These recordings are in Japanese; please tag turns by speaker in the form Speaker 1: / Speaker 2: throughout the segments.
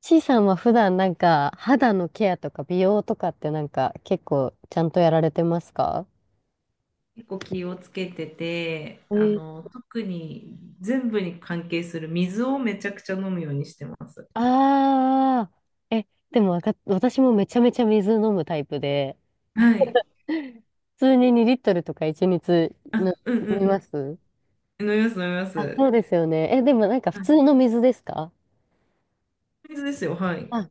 Speaker 1: ちいさんは普段なんか肌のケアとか美容とかってなんか結構ちゃんとやられてますか？
Speaker 2: 結構気をつけてて、
Speaker 1: え
Speaker 2: 特に全部に関係する水をめちゃくちゃ飲むようにしてます。
Speaker 1: ああー、え、でもわか、私もめちゃめちゃ水飲むタイプで、
Speaker 2: はい。
Speaker 1: 普通に2リットルとか1日の
Speaker 2: うんう
Speaker 1: 飲み
Speaker 2: ん。
Speaker 1: ます。
Speaker 2: 飲みます、飲みま
Speaker 1: あ、そう
Speaker 2: す。
Speaker 1: ですよね。え、でもなんか普
Speaker 2: はい、
Speaker 1: 通の水ですか？
Speaker 2: 水ですよ、はい。
Speaker 1: あ、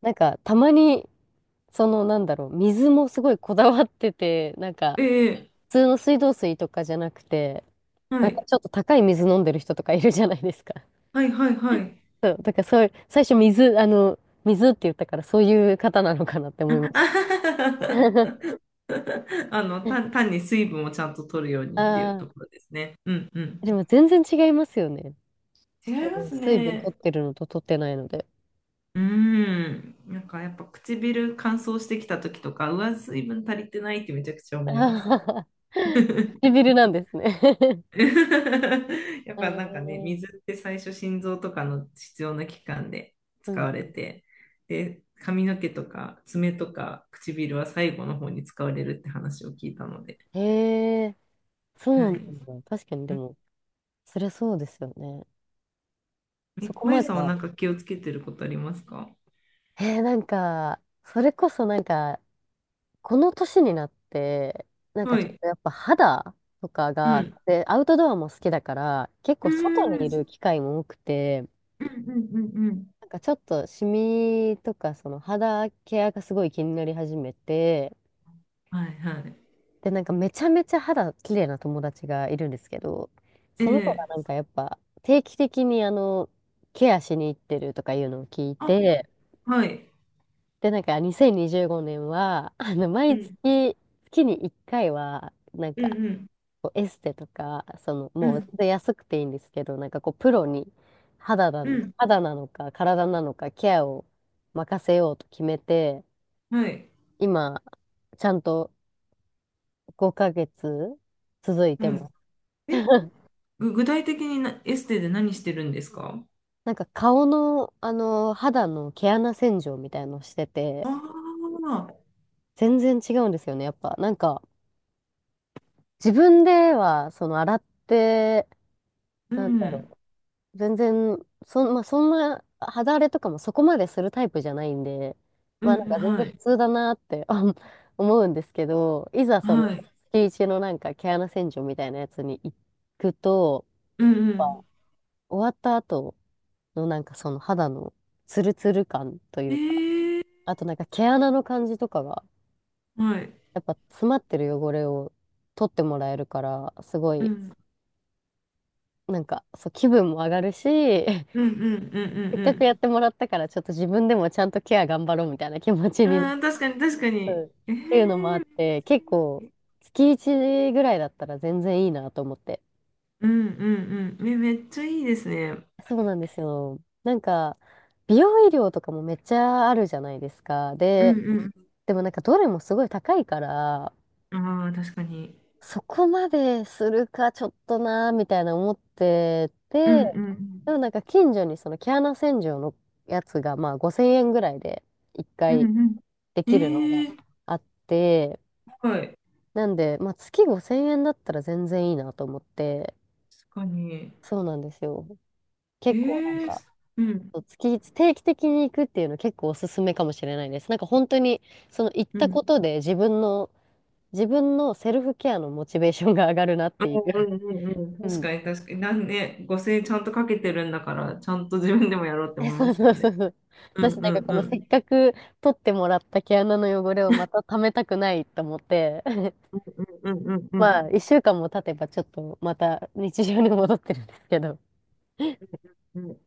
Speaker 1: なんかたまに、そのなんだろう、水もすごいこだわってて、なんか
Speaker 2: ええ、
Speaker 1: 普通の水道水とかじゃなくて、
Speaker 2: は
Speaker 1: なん
Speaker 2: い。
Speaker 1: かちょっと高い水飲んでる人とかいるじゃないですか。
Speaker 2: はい、はい、はい。
Speaker 1: そう、だからそういう、最初水、あの、水って言ったからそういう方なのかなって 思
Speaker 2: あ
Speaker 1: いまし
Speaker 2: は
Speaker 1: た。
Speaker 2: はは あの、単に水分をちゃんと取るようにっていう
Speaker 1: ああ、
Speaker 2: ところですね。うんうん。
Speaker 1: でも全然違いますよね。
Speaker 2: 違
Speaker 1: あ
Speaker 2: いま
Speaker 1: の
Speaker 2: す
Speaker 1: 水分取
Speaker 2: ね。
Speaker 1: ってるのと取ってないので。
Speaker 2: うん。なんかやっぱ唇乾燥してきた時とか、うわ、水分足りてないってめちゃくちゃ 思います。
Speaker 1: ああ、唇なんですね。
Speaker 2: やっ
Speaker 1: え
Speaker 2: ぱなんかね、
Speaker 1: ー、
Speaker 2: 水って最初心臓とかの必要な器官で
Speaker 1: う
Speaker 2: 使
Speaker 1: ん。
Speaker 2: われて、で、髪の毛とか爪とか唇は最後の方に使われるって話を聞いたので。
Speaker 1: へえ、
Speaker 2: は
Speaker 1: そう
Speaker 2: い。
Speaker 1: なんだ。確かにで
Speaker 2: うん。
Speaker 1: も、そりゃそうですよね。そ
Speaker 2: え、
Speaker 1: こ
Speaker 2: まゆ
Speaker 1: まで
Speaker 2: さんはな
Speaker 1: は。
Speaker 2: んか気をつけてることありますか？
Speaker 1: なんか、それこそなんか、この年になって、なんか
Speaker 2: は
Speaker 1: ちょっ
Speaker 2: い。
Speaker 1: とやっぱ肌とか
Speaker 2: う
Speaker 1: が、
Speaker 2: ん。
Speaker 1: で、アウトドアも好きだから、結
Speaker 2: う
Speaker 1: 構外に
Speaker 2: ん。
Speaker 1: いる機会も多くて、
Speaker 2: うんうんうんうん。
Speaker 1: なんかちょっとシミとかその肌ケアがすごい気になり始めて、
Speaker 2: はいはい。
Speaker 1: で、なんかめちゃめちゃ肌綺麗な友達がいるんですけど、その子が
Speaker 2: ええ、
Speaker 1: なんかやっぱ定期的にケアしに行ってるとかいうのを聞い
Speaker 2: あ、
Speaker 1: て、
Speaker 2: はい。
Speaker 1: で、なんか2025年は、
Speaker 2: う
Speaker 1: 毎
Speaker 2: ん
Speaker 1: 月、月に1回は、なん
Speaker 2: う
Speaker 1: か、
Speaker 2: んうん
Speaker 1: こうエステとか、
Speaker 2: う
Speaker 1: もう
Speaker 2: ん
Speaker 1: 全然安くていいんですけど、なんかこう、プロに肌だ、
Speaker 2: うん。
Speaker 1: 肌なのか体なのかケアを任せようと決めて、
Speaker 2: はい。
Speaker 1: 今、ちゃんと5ヶ月続いて
Speaker 2: は
Speaker 1: ます。
Speaker 2: い。え、具体的にエステで何してるんですか？
Speaker 1: なんか顔の、肌の毛穴洗浄みたいのをしてて、
Speaker 2: ああ、
Speaker 1: 全然違うんですよね、やっぱ。なんか、自分では、洗って、
Speaker 2: う
Speaker 1: なん
Speaker 2: ん、
Speaker 1: 全然、そん、まあ、そんな肌荒れとかもそこまでするタイプじゃないんで、
Speaker 2: う
Speaker 1: まあなん
Speaker 2: ん、
Speaker 1: か全然
Speaker 2: は
Speaker 1: 普
Speaker 2: い、
Speaker 1: 通だなってあ 思うんですけど、いざその
Speaker 2: はい、
Speaker 1: 月一のなんか毛穴洗浄みたいなやつに行くと、
Speaker 2: うん、うん。
Speaker 1: 終わった後のなんかその肌のツルツル感とい
Speaker 2: え
Speaker 1: うか、
Speaker 2: え、
Speaker 1: あとなんか毛穴の感じとかが、
Speaker 2: はい、
Speaker 1: やっぱ詰まってる汚れを取ってもらえるから、すご
Speaker 2: う
Speaker 1: い、
Speaker 2: ん、
Speaker 1: なんかそう気分も上がるし、
Speaker 2: うん、うん、う
Speaker 1: せ
Speaker 2: ん、
Speaker 1: っ
Speaker 2: う
Speaker 1: かくや
Speaker 2: ん、
Speaker 1: ってもらったから、ちょっと自分でもちゃんとケア頑張ろうみたいな気持ち
Speaker 2: うん。
Speaker 1: にな
Speaker 2: ああ、確かに、確かに。
Speaker 1: る
Speaker 2: ええ、
Speaker 1: っていうのもあ
Speaker 2: め
Speaker 1: っ
Speaker 2: っ
Speaker 1: て、
Speaker 2: ちゃ
Speaker 1: 結構、
Speaker 2: いい。
Speaker 1: 月1ぐらいだったら全然いいなと思って。
Speaker 2: うん、うん、うん。めっちゃいいですね。
Speaker 1: そうなんですよ。なんか、美容医療とかもめっちゃあるじゃないですか。
Speaker 2: う
Speaker 1: で、
Speaker 2: ん、
Speaker 1: でもなんかどれもすごい高いから、
Speaker 2: うん。ああ、確かに。
Speaker 1: そこまでするかちょっとなーみたいな思って
Speaker 2: う
Speaker 1: て、
Speaker 2: ん、う
Speaker 1: で
Speaker 2: ん、
Speaker 1: もなんか近所にその毛穴洗浄のやつがまあ5000円ぐらいで1
Speaker 2: う
Speaker 1: 回
Speaker 2: ん、うん。
Speaker 1: できるの
Speaker 2: え
Speaker 1: が
Speaker 2: え、
Speaker 1: あって、
Speaker 2: はい。
Speaker 1: なんで、まあ、月5000円だったら全然いいなと思って、
Speaker 2: 確かに。
Speaker 1: そうなんですよ。結構なん
Speaker 2: ええ、
Speaker 1: か、
Speaker 2: うん、
Speaker 1: そう定期的に行くっていうの結構おすすめかもしれないです。なんか本当に、その行っ
Speaker 2: う
Speaker 1: た
Speaker 2: ん。
Speaker 1: ことで自分のセルフケアのモチベーションが上がるなっ
Speaker 2: う
Speaker 1: ていう。
Speaker 2: んうんうんう
Speaker 1: う
Speaker 2: ん。確
Speaker 1: ん。
Speaker 2: かに確かに。なんね、5000円ちゃんとかけてるんだから、ちゃんと自分でもやろうっ て
Speaker 1: え、
Speaker 2: 思い
Speaker 1: そ
Speaker 2: ま
Speaker 1: う
Speaker 2: す
Speaker 1: そ
Speaker 2: よ
Speaker 1: うそ
Speaker 2: ね。
Speaker 1: うそう。
Speaker 2: うん
Speaker 1: 私
Speaker 2: う
Speaker 1: なんか
Speaker 2: ん
Speaker 1: こ
Speaker 2: う
Speaker 1: のせっ
Speaker 2: ん。
Speaker 1: かく取ってもらった毛穴の汚れをまた溜めたくないと思って、
Speaker 2: うんうんうんうんう
Speaker 1: ま
Speaker 2: ん。
Speaker 1: あ、一週間も経てばちょっとまた日常に戻ってるんですけど。
Speaker 2: うん。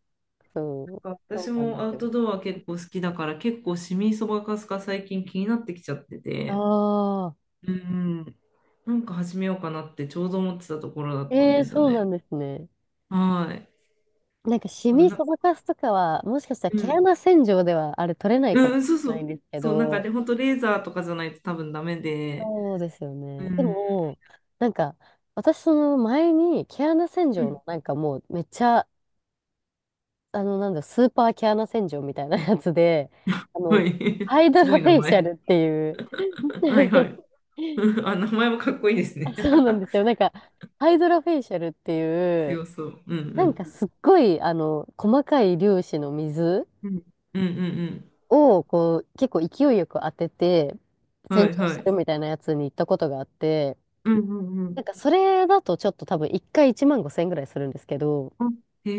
Speaker 1: そう、
Speaker 2: なんか
Speaker 1: そ
Speaker 2: 私
Speaker 1: うなんで
Speaker 2: もア
Speaker 1: す
Speaker 2: ウ
Speaker 1: よ。
Speaker 2: トドア結構好きだから、結構シミそばかすが最近気になってきちゃってて、
Speaker 1: ああ、
Speaker 2: うん、なんか始めようかなってちょうど思ってたところだったん
Speaker 1: え
Speaker 2: で
Speaker 1: え
Speaker 2: すよ
Speaker 1: そう
Speaker 2: ね。
Speaker 1: なんですね。
Speaker 2: はい。
Speaker 1: なんか、シ
Speaker 2: これ
Speaker 1: ミ
Speaker 2: な、
Speaker 1: そばかすとかは、もしかしたら
Speaker 2: う
Speaker 1: 毛
Speaker 2: ん。
Speaker 1: 穴洗浄ではあれ取れない
Speaker 2: う
Speaker 1: か
Speaker 2: ん
Speaker 1: も
Speaker 2: う
Speaker 1: し
Speaker 2: んそう
Speaker 1: れ
Speaker 2: そ
Speaker 1: ないん
Speaker 2: う。
Speaker 1: ですけ
Speaker 2: そう、なんかで、
Speaker 1: ど、
Speaker 2: 本当レーザーとかじゃないと多分ダメで、
Speaker 1: そうですよ
Speaker 2: う
Speaker 1: ね。で
Speaker 2: ん。
Speaker 1: も、なんか、私その前に毛穴洗
Speaker 2: う
Speaker 1: 浄
Speaker 2: ん。
Speaker 1: のなんかもうめっちゃ、あの、なんだ、スーパー毛穴洗浄みたいなやつで、あ
Speaker 2: は
Speaker 1: の、
Speaker 2: い。
Speaker 1: ハイド
Speaker 2: すご
Speaker 1: ロ
Speaker 2: い
Speaker 1: フ
Speaker 2: 名
Speaker 1: ェイシャ
Speaker 2: 前。
Speaker 1: ルっていう。
Speaker 2: はいはい。あ、名前もかっこいいですね。
Speaker 1: そうなんですよ。なんか、ハイドロフェイシャルっていう、
Speaker 2: 強そう。う
Speaker 1: なん
Speaker 2: ん
Speaker 1: かすっごい、細かい粒子の水
Speaker 2: うん。うんうんうん
Speaker 1: を、こう、結構勢いよく当てて、
Speaker 2: うん。は
Speaker 1: 洗
Speaker 2: い
Speaker 1: 浄す
Speaker 2: は
Speaker 1: る
Speaker 2: い。
Speaker 1: みたいなやつに行ったことがあって、
Speaker 2: うんうんう
Speaker 1: なん
Speaker 2: ん。
Speaker 1: かそれだとちょっと多分1回1万5千円ぐらいするんですけど、
Speaker 2: あ、へ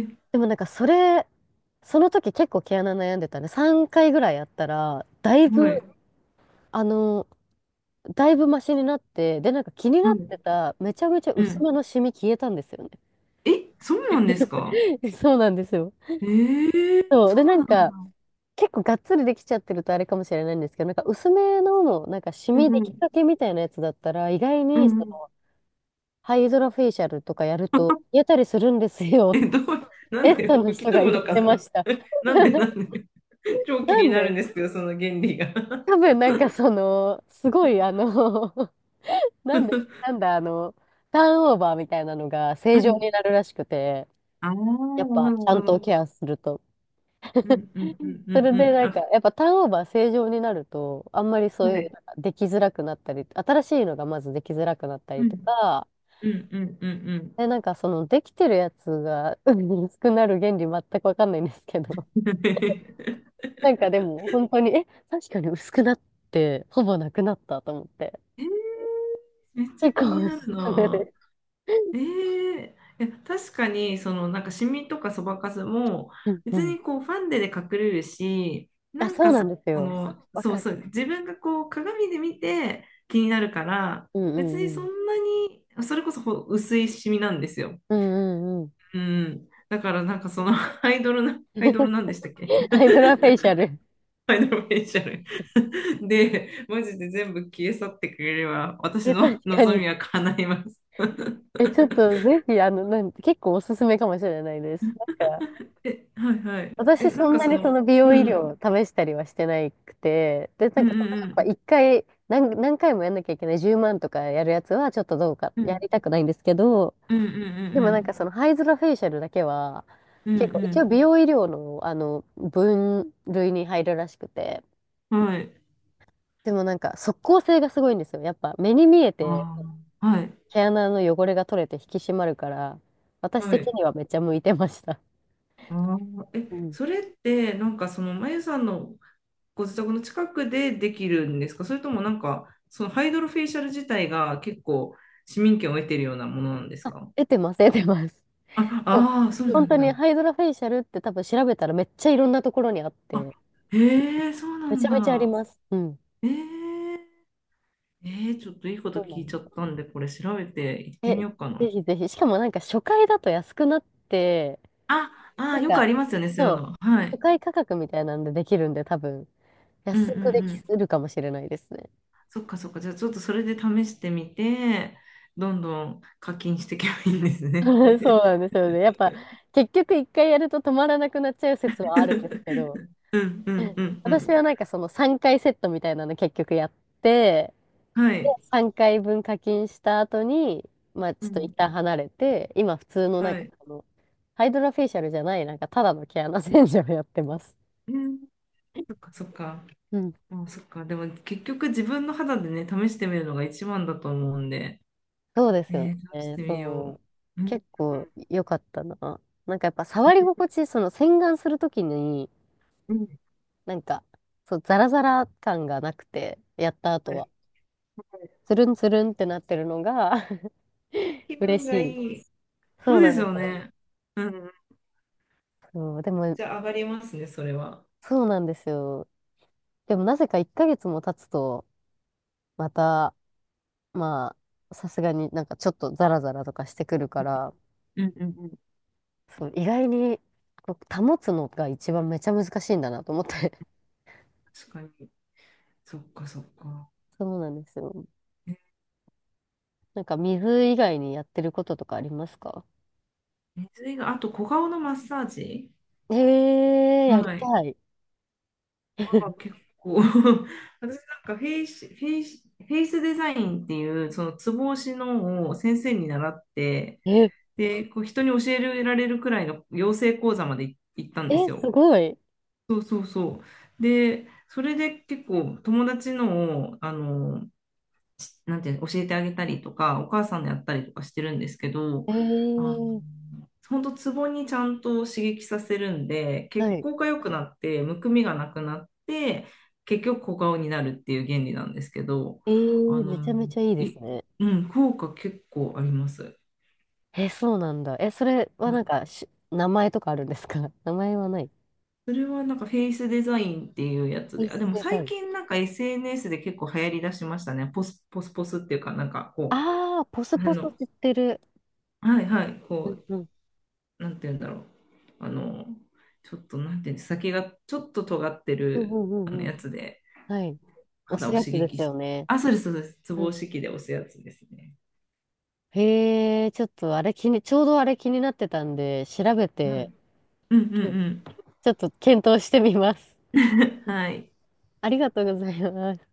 Speaker 2: え。
Speaker 1: でもなんかその時結構毛穴悩んでたね。3回ぐらいやったら、
Speaker 2: はい。
Speaker 1: あの、だいぶマシになって、で、なんか気にな
Speaker 2: は
Speaker 1: っ
Speaker 2: い。
Speaker 1: てた、めちゃめちゃ
Speaker 2: う
Speaker 1: 薄
Speaker 2: ん。
Speaker 1: めのシミ消えたんですよね。
Speaker 2: え、そうなんですか？
Speaker 1: そうなんですよ。
Speaker 2: ええ、
Speaker 1: そう。で、
Speaker 2: そ
Speaker 1: な
Speaker 2: う
Speaker 1: ん
Speaker 2: なん
Speaker 1: か、
Speaker 2: だ。
Speaker 1: 結構がっつりできちゃってるとあれかもしれないんですけど、なんか薄めの、なんかシ
Speaker 2: う
Speaker 1: ミで
Speaker 2: んう
Speaker 1: き
Speaker 2: ん。
Speaker 1: かけみたいなやつだったら、意外
Speaker 2: う
Speaker 1: にそ
Speaker 2: んうん。
Speaker 1: のハイドロフェイシャルとかやると、やたりするんですよ。
Speaker 2: え、どう、な
Speaker 1: エ
Speaker 2: ん
Speaker 1: ステ
Speaker 2: で
Speaker 1: の
Speaker 2: 吹き
Speaker 1: 人が
Speaker 2: 飛ぶ
Speaker 1: 言
Speaker 2: の
Speaker 1: っ
Speaker 2: か
Speaker 1: てま
Speaker 2: な？
Speaker 1: した。
Speaker 2: なんでなんで？ 超気
Speaker 1: な
Speaker 2: に
Speaker 1: ん
Speaker 2: なる
Speaker 1: で、
Speaker 2: んですけど、その原理が。
Speaker 1: 多分なんかその、すごいなんで、なんだあの、ターンオーバーみたいなのが
Speaker 2: う
Speaker 1: 正常に
Speaker 2: ん。
Speaker 1: なるらしくて、
Speaker 2: ああ、
Speaker 1: やっ
Speaker 2: な
Speaker 1: ぱ
Speaker 2: る
Speaker 1: ち
Speaker 2: ほ
Speaker 1: ゃんと
Speaker 2: ど。
Speaker 1: ケアすると。
Speaker 2: うんうんうんう
Speaker 1: そ
Speaker 2: ん
Speaker 1: れで
Speaker 2: うん。
Speaker 1: なんか、
Speaker 2: あ、
Speaker 1: やっぱターンオーバー正常になると、あんまり
Speaker 2: は
Speaker 1: そういう、
Speaker 2: い。
Speaker 1: なんかできづらくなったり、新しいのがまずできづらくなった
Speaker 2: う
Speaker 1: りと
Speaker 2: ん
Speaker 1: か、
Speaker 2: うんうんうん。
Speaker 1: で、なんかそのできてるやつが薄く なる原理全くわかんないんですけど、
Speaker 2: え
Speaker 1: なんかでも本当に、え、確かに薄くなって、ほぼなくなったと思って、
Speaker 2: ー、めっちゃ
Speaker 1: 結
Speaker 2: 気
Speaker 1: 構
Speaker 2: に
Speaker 1: お
Speaker 2: な
Speaker 1: す
Speaker 2: る
Speaker 1: すめ
Speaker 2: な。
Speaker 1: です。
Speaker 2: ええ、いや確かにそのなんかシミとかそばかすも
Speaker 1: うんう
Speaker 2: 別
Speaker 1: ん。
Speaker 2: にこうファンデで隠れるし、
Speaker 1: あ、そうなんです
Speaker 2: そ
Speaker 1: よ。
Speaker 2: の
Speaker 1: わ
Speaker 2: そう
Speaker 1: かる。
Speaker 2: そう自分がこう鏡で見て気になるから
Speaker 1: うん
Speaker 2: 別
Speaker 1: う
Speaker 2: に
Speaker 1: んう
Speaker 2: そん
Speaker 1: ん。
Speaker 2: なにそれこそ薄いシミなんですよ。
Speaker 1: うんうんうん。
Speaker 2: うん。だからなんかその アイドルなんでしたっけ？
Speaker 1: ハイドラフェイシャル。
Speaker 2: フイドルフェイシャル。 で、マジで全部消え去ってくれれば、私
Speaker 1: 確
Speaker 2: の
Speaker 1: か
Speaker 2: 望
Speaker 1: に。
Speaker 2: みは叶います。
Speaker 1: え、ちょっとぜひ、結構おすすめかもしれないです。なんか、
Speaker 2: え、はいはい。え、
Speaker 1: 私
Speaker 2: な
Speaker 1: そ
Speaker 2: ん
Speaker 1: ん
Speaker 2: か
Speaker 1: な
Speaker 2: そ
Speaker 1: にそ
Speaker 2: の、
Speaker 1: の美容
Speaker 2: う
Speaker 1: 医療
Speaker 2: ん、
Speaker 1: を試したりはしてなくて、で、な
Speaker 2: う
Speaker 1: ん
Speaker 2: ん
Speaker 1: かその
Speaker 2: う
Speaker 1: やっぱ
Speaker 2: ん
Speaker 1: 一回何回もやんなきゃいけない10万とかやるやつはちょっとどうか、
Speaker 2: うん、う
Speaker 1: や
Speaker 2: ん、
Speaker 1: りたくないんですけど、
Speaker 2: うん
Speaker 1: で
Speaker 2: う
Speaker 1: もなんか
Speaker 2: ん
Speaker 1: そのハイズラフェイシャルだけは、
Speaker 2: うんう
Speaker 1: 結
Speaker 2: ん、
Speaker 1: 構
Speaker 2: う
Speaker 1: 一応
Speaker 2: ん
Speaker 1: 美容医療の、分類に入るらしくて、
Speaker 2: うん、はい。
Speaker 1: でもなんか即効性がすごいんですよ。やっぱ目に見えて
Speaker 2: ああ、はい、
Speaker 1: 毛穴の汚れが取れて引き締まるから、私
Speaker 2: は
Speaker 1: 的
Speaker 2: い。
Speaker 1: にはめっちゃ向いてました。
Speaker 2: ああ、え、
Speaker 1: うん。
Speaker 2: それって、なんかその、まゆさんのご自宅の近くでできるんですか？それともなんか、そのハイドロフェイシャル自体が結構市民権を得てるようなものなんですか？
Speaker 1: 得てます、得てます。
Speaker 2: あ、
Speaker 1: もう
Speaker 2: ああ、そうな
Speaker 1: 本当
Speaker 2: ん
Speaker 1: に
Speaker 2: だ。
Speaker 1: ハイドラフェイシャルって多分調べたらめっちゃいろんなところにあっ
Speaker 2: あ、
Speaker 1: て、
Speaker 2: へえ、そうな
Speaker 1: め
Speaker 2: ん
Speaker 1: ちゃめちゃあり
Speaker 2: だ。
Speaker 1: ます。うん。
Speaker 2: ええ、ええ、ちょっといいこと
Speaker 1: そうな
Speaker 2: 聞い
Speaker 1: の。
Speaker 2: ちゃったんで、これ調べて行って
Speaker 1: え、
Speaker 2: みようか
Speaker 1: ぜ
Speaker 2: な。
Speaker 1: ひぜひ。しかもなんか初回だと安くなって、
Speaker 2: あ、
Speaker 1: な
Speaker 2: あ、
Speaker 1: ん
Speaker 2: よく
Speaker 1: か、
Speaker 2: ありますよね、そうい
Speaker 1: そ
Speaker 2: う
Speaker 1: う、
Speaker 2: の。は
Speaker 1: 初
Speaker 2: い。
Speaker 1: 回価格みたいなんでできるんで多分、
Speaker 2: うんう
Speaker 1: 安くで
Speaker 2: んう
Speaker 1: き
Speaker 2: ん。
Speaker 1: るかもしれないですね。
Speaker 2: そっかそっか。じゃあちょっとそれで試してみて、どんどん課金していけばいいんですね。
Speaker 1: そうなん ですよね。やっぱ、結局一回やると止まらなくなっちゃう説はあるんですけど、
Speaker 2: うんうん うんう
Speaker 1: 私
Speaker 2: ん。
Speaker 1: はなんかその3回セットみたいなの結局やって、
Speaker 2: はい。
Speaker 1: 3回分課金した後に、まあ
Speaker 2: う
Speaker 1: ちょっと一
Speaker 2: ん。
Speaker 1: 旦離れて、今普通のなん
Speaker 2: は
Speaker 1: か
Speaker 2: い。
Speaker 1: ハイドラフェイシャルじゃない、なんかただの毛穴洗浄をやってます。
Speaker 2: うん。そっかそっか。
Speaker 1: うん。
Speaker 2: あ、そっか。でも結局自分の肌でね、試してみるのが一番だと思うんで、
Speaker 1: そうですよ
Speaker 2: ね、試し
Speaker 1: ね。
Speaker 2: てみよう。
Speaker 1: そう。
Speaker 2: うん
Speaker 1: 結構良かったな。なんかやっぱ触り心地、その洗顔するときに、
Speaker 2: うんうん。
Speaker 1: なんか、そう、ザラザラ感がなくて、やった後
Speaker 2: はい。
Speaker 1: は。
Speaker 2: はい。
Speaker 1: つるんつるんってなってるのが
Speaker 2: 気
Speaker 1: 嬉
Speaker 2: 分が
Speaker 1: し
Speaker 2: い
Speaker 1: い。
Speaker 2: い。そ
Speaker 1: そう
Speaker 2: うで
Speaker 1: なん
Speaker 2: す
Speaker 1: で
Speaker 2: よ
Speaker 1: すよ。
Speaker 2: ね。うん。
Speaker 1: そう、でも、
Speaker 2: じゃあ上がりますね、それは。
Speaker 1: そうなんですよ。でもなぜか1ヶ月も経つと、また、まさすがになんかちょっとザラザラとかしてくるから、
Speaker 2: うんうんうん。
Speaker 1: そう意外にこう保つのが一番めちゃ難しいんだなと思って。
Speaker 2: 確かに。そっかそっか。
Speaker 1: そうなんですよ。なんか水以外にやってることとかありますか？
Speaker 2: ね、水が、あと小顔のマッサージ。
Speaker 1: ええー、やり
Speaker 2: はい。
Speaker 1: たい。
Speaker 2: まあ、結構 私なんかフェイスデザインっていう、そのツボ押しのを先生に習って、
Speaker 1: え、
Speaker 2: で、こう人に教えられるくらいの養成講座まで行ったんで
Speaker 1: え、
Speaker 2: す
Speaker 1: す
Speaker 2: よ。
Speaker 1: ごい。
Speaker 2: そうそうそう。で、それで結構友達のを、あの、なんていうの、教えてあげたりとか、お母さんのやったりとかしてるんですけど、
Speaker 1: え
Speaker 2: あ
Speaker 1: ー、
Speaker 2: の、本当ツボにちゃんと刺激させるんで、
Speaker 1: は
Speaker 2: 血
Speaker 1: い。
Speaker 2: 行が良くなって、むくみがなくなって、結局小顔になるっていう原理なんですけど、
Speaker 1: え
Speaker 2: あ
Speaker 1: ー、めちゃ
Speaker 2: の、
Speaker 1: めちゃいいです
Speaker 2: い、
Speaker 1: ね。
Speaker 2: うん、効果結構あります。
Speaker 1: え、そうなんだ。え、それは
Speaker 2: は
Speaker 1: な
Speaker 2: い。
Speaker 1: んか名前とかあるんですか？ 名前はない。
Speaker 2: それはなんかフェイスデザインっていうやつ
Speaker 1: ピー
Speaker 2: で、あ、で
Speaker 1: ス
Speaker 2: も
Speaker 1: デザ
Speaker 2: 最
Speaker 1: イン。
Speaker 2: 近なんか SNS で結構流行りだしましたね。ポスポスっていうか、なんかこ
Speaker 1: ああ、ポス
Speaker 2: う、
Speaker 1: ポス知ってる。
Speaker 2: はいはい、
Speaker 1: う
Speaker 2: こ
Speaker 1: んうん
Speaker 2: なんて言うんだろう。あの、ちょっと、なんて言うんです先がちょっと尖って
Speaker 1: うんう
Speaker 2: る
Speaker 1: んう
Speaker 2: あの
Speaker 1: んうん。
Speaker 2: やつで、
Speaker 1: はい。押
Speaker 2: 肌
Speaker 1: す
Speaker 2: を
Speaker 1: や
Speaker 2: 刺
Speaker 1: つで
Speaker 2: 激
Speaker 1: す
Speaker 2: し
Speaker 1: よ
Speaker 2: て。
Speaker 1: ね。
Speaker 2: あ、そうです、そうです。ツボ
Speaker 1: うん。
Speaker 2: 押し器で押すやつですね。
Speaker 1: へえ、ちょっとあれ気に、ちょうどあれ気になってたんで、調べ
Speaker 2: は
Speaker 1: て、
Speaker 2: い。うんうんう
Speaker 1: ちょっと検討してみます。
Speaker 2: ん。はい。
Speaker 1: ありがとうございます。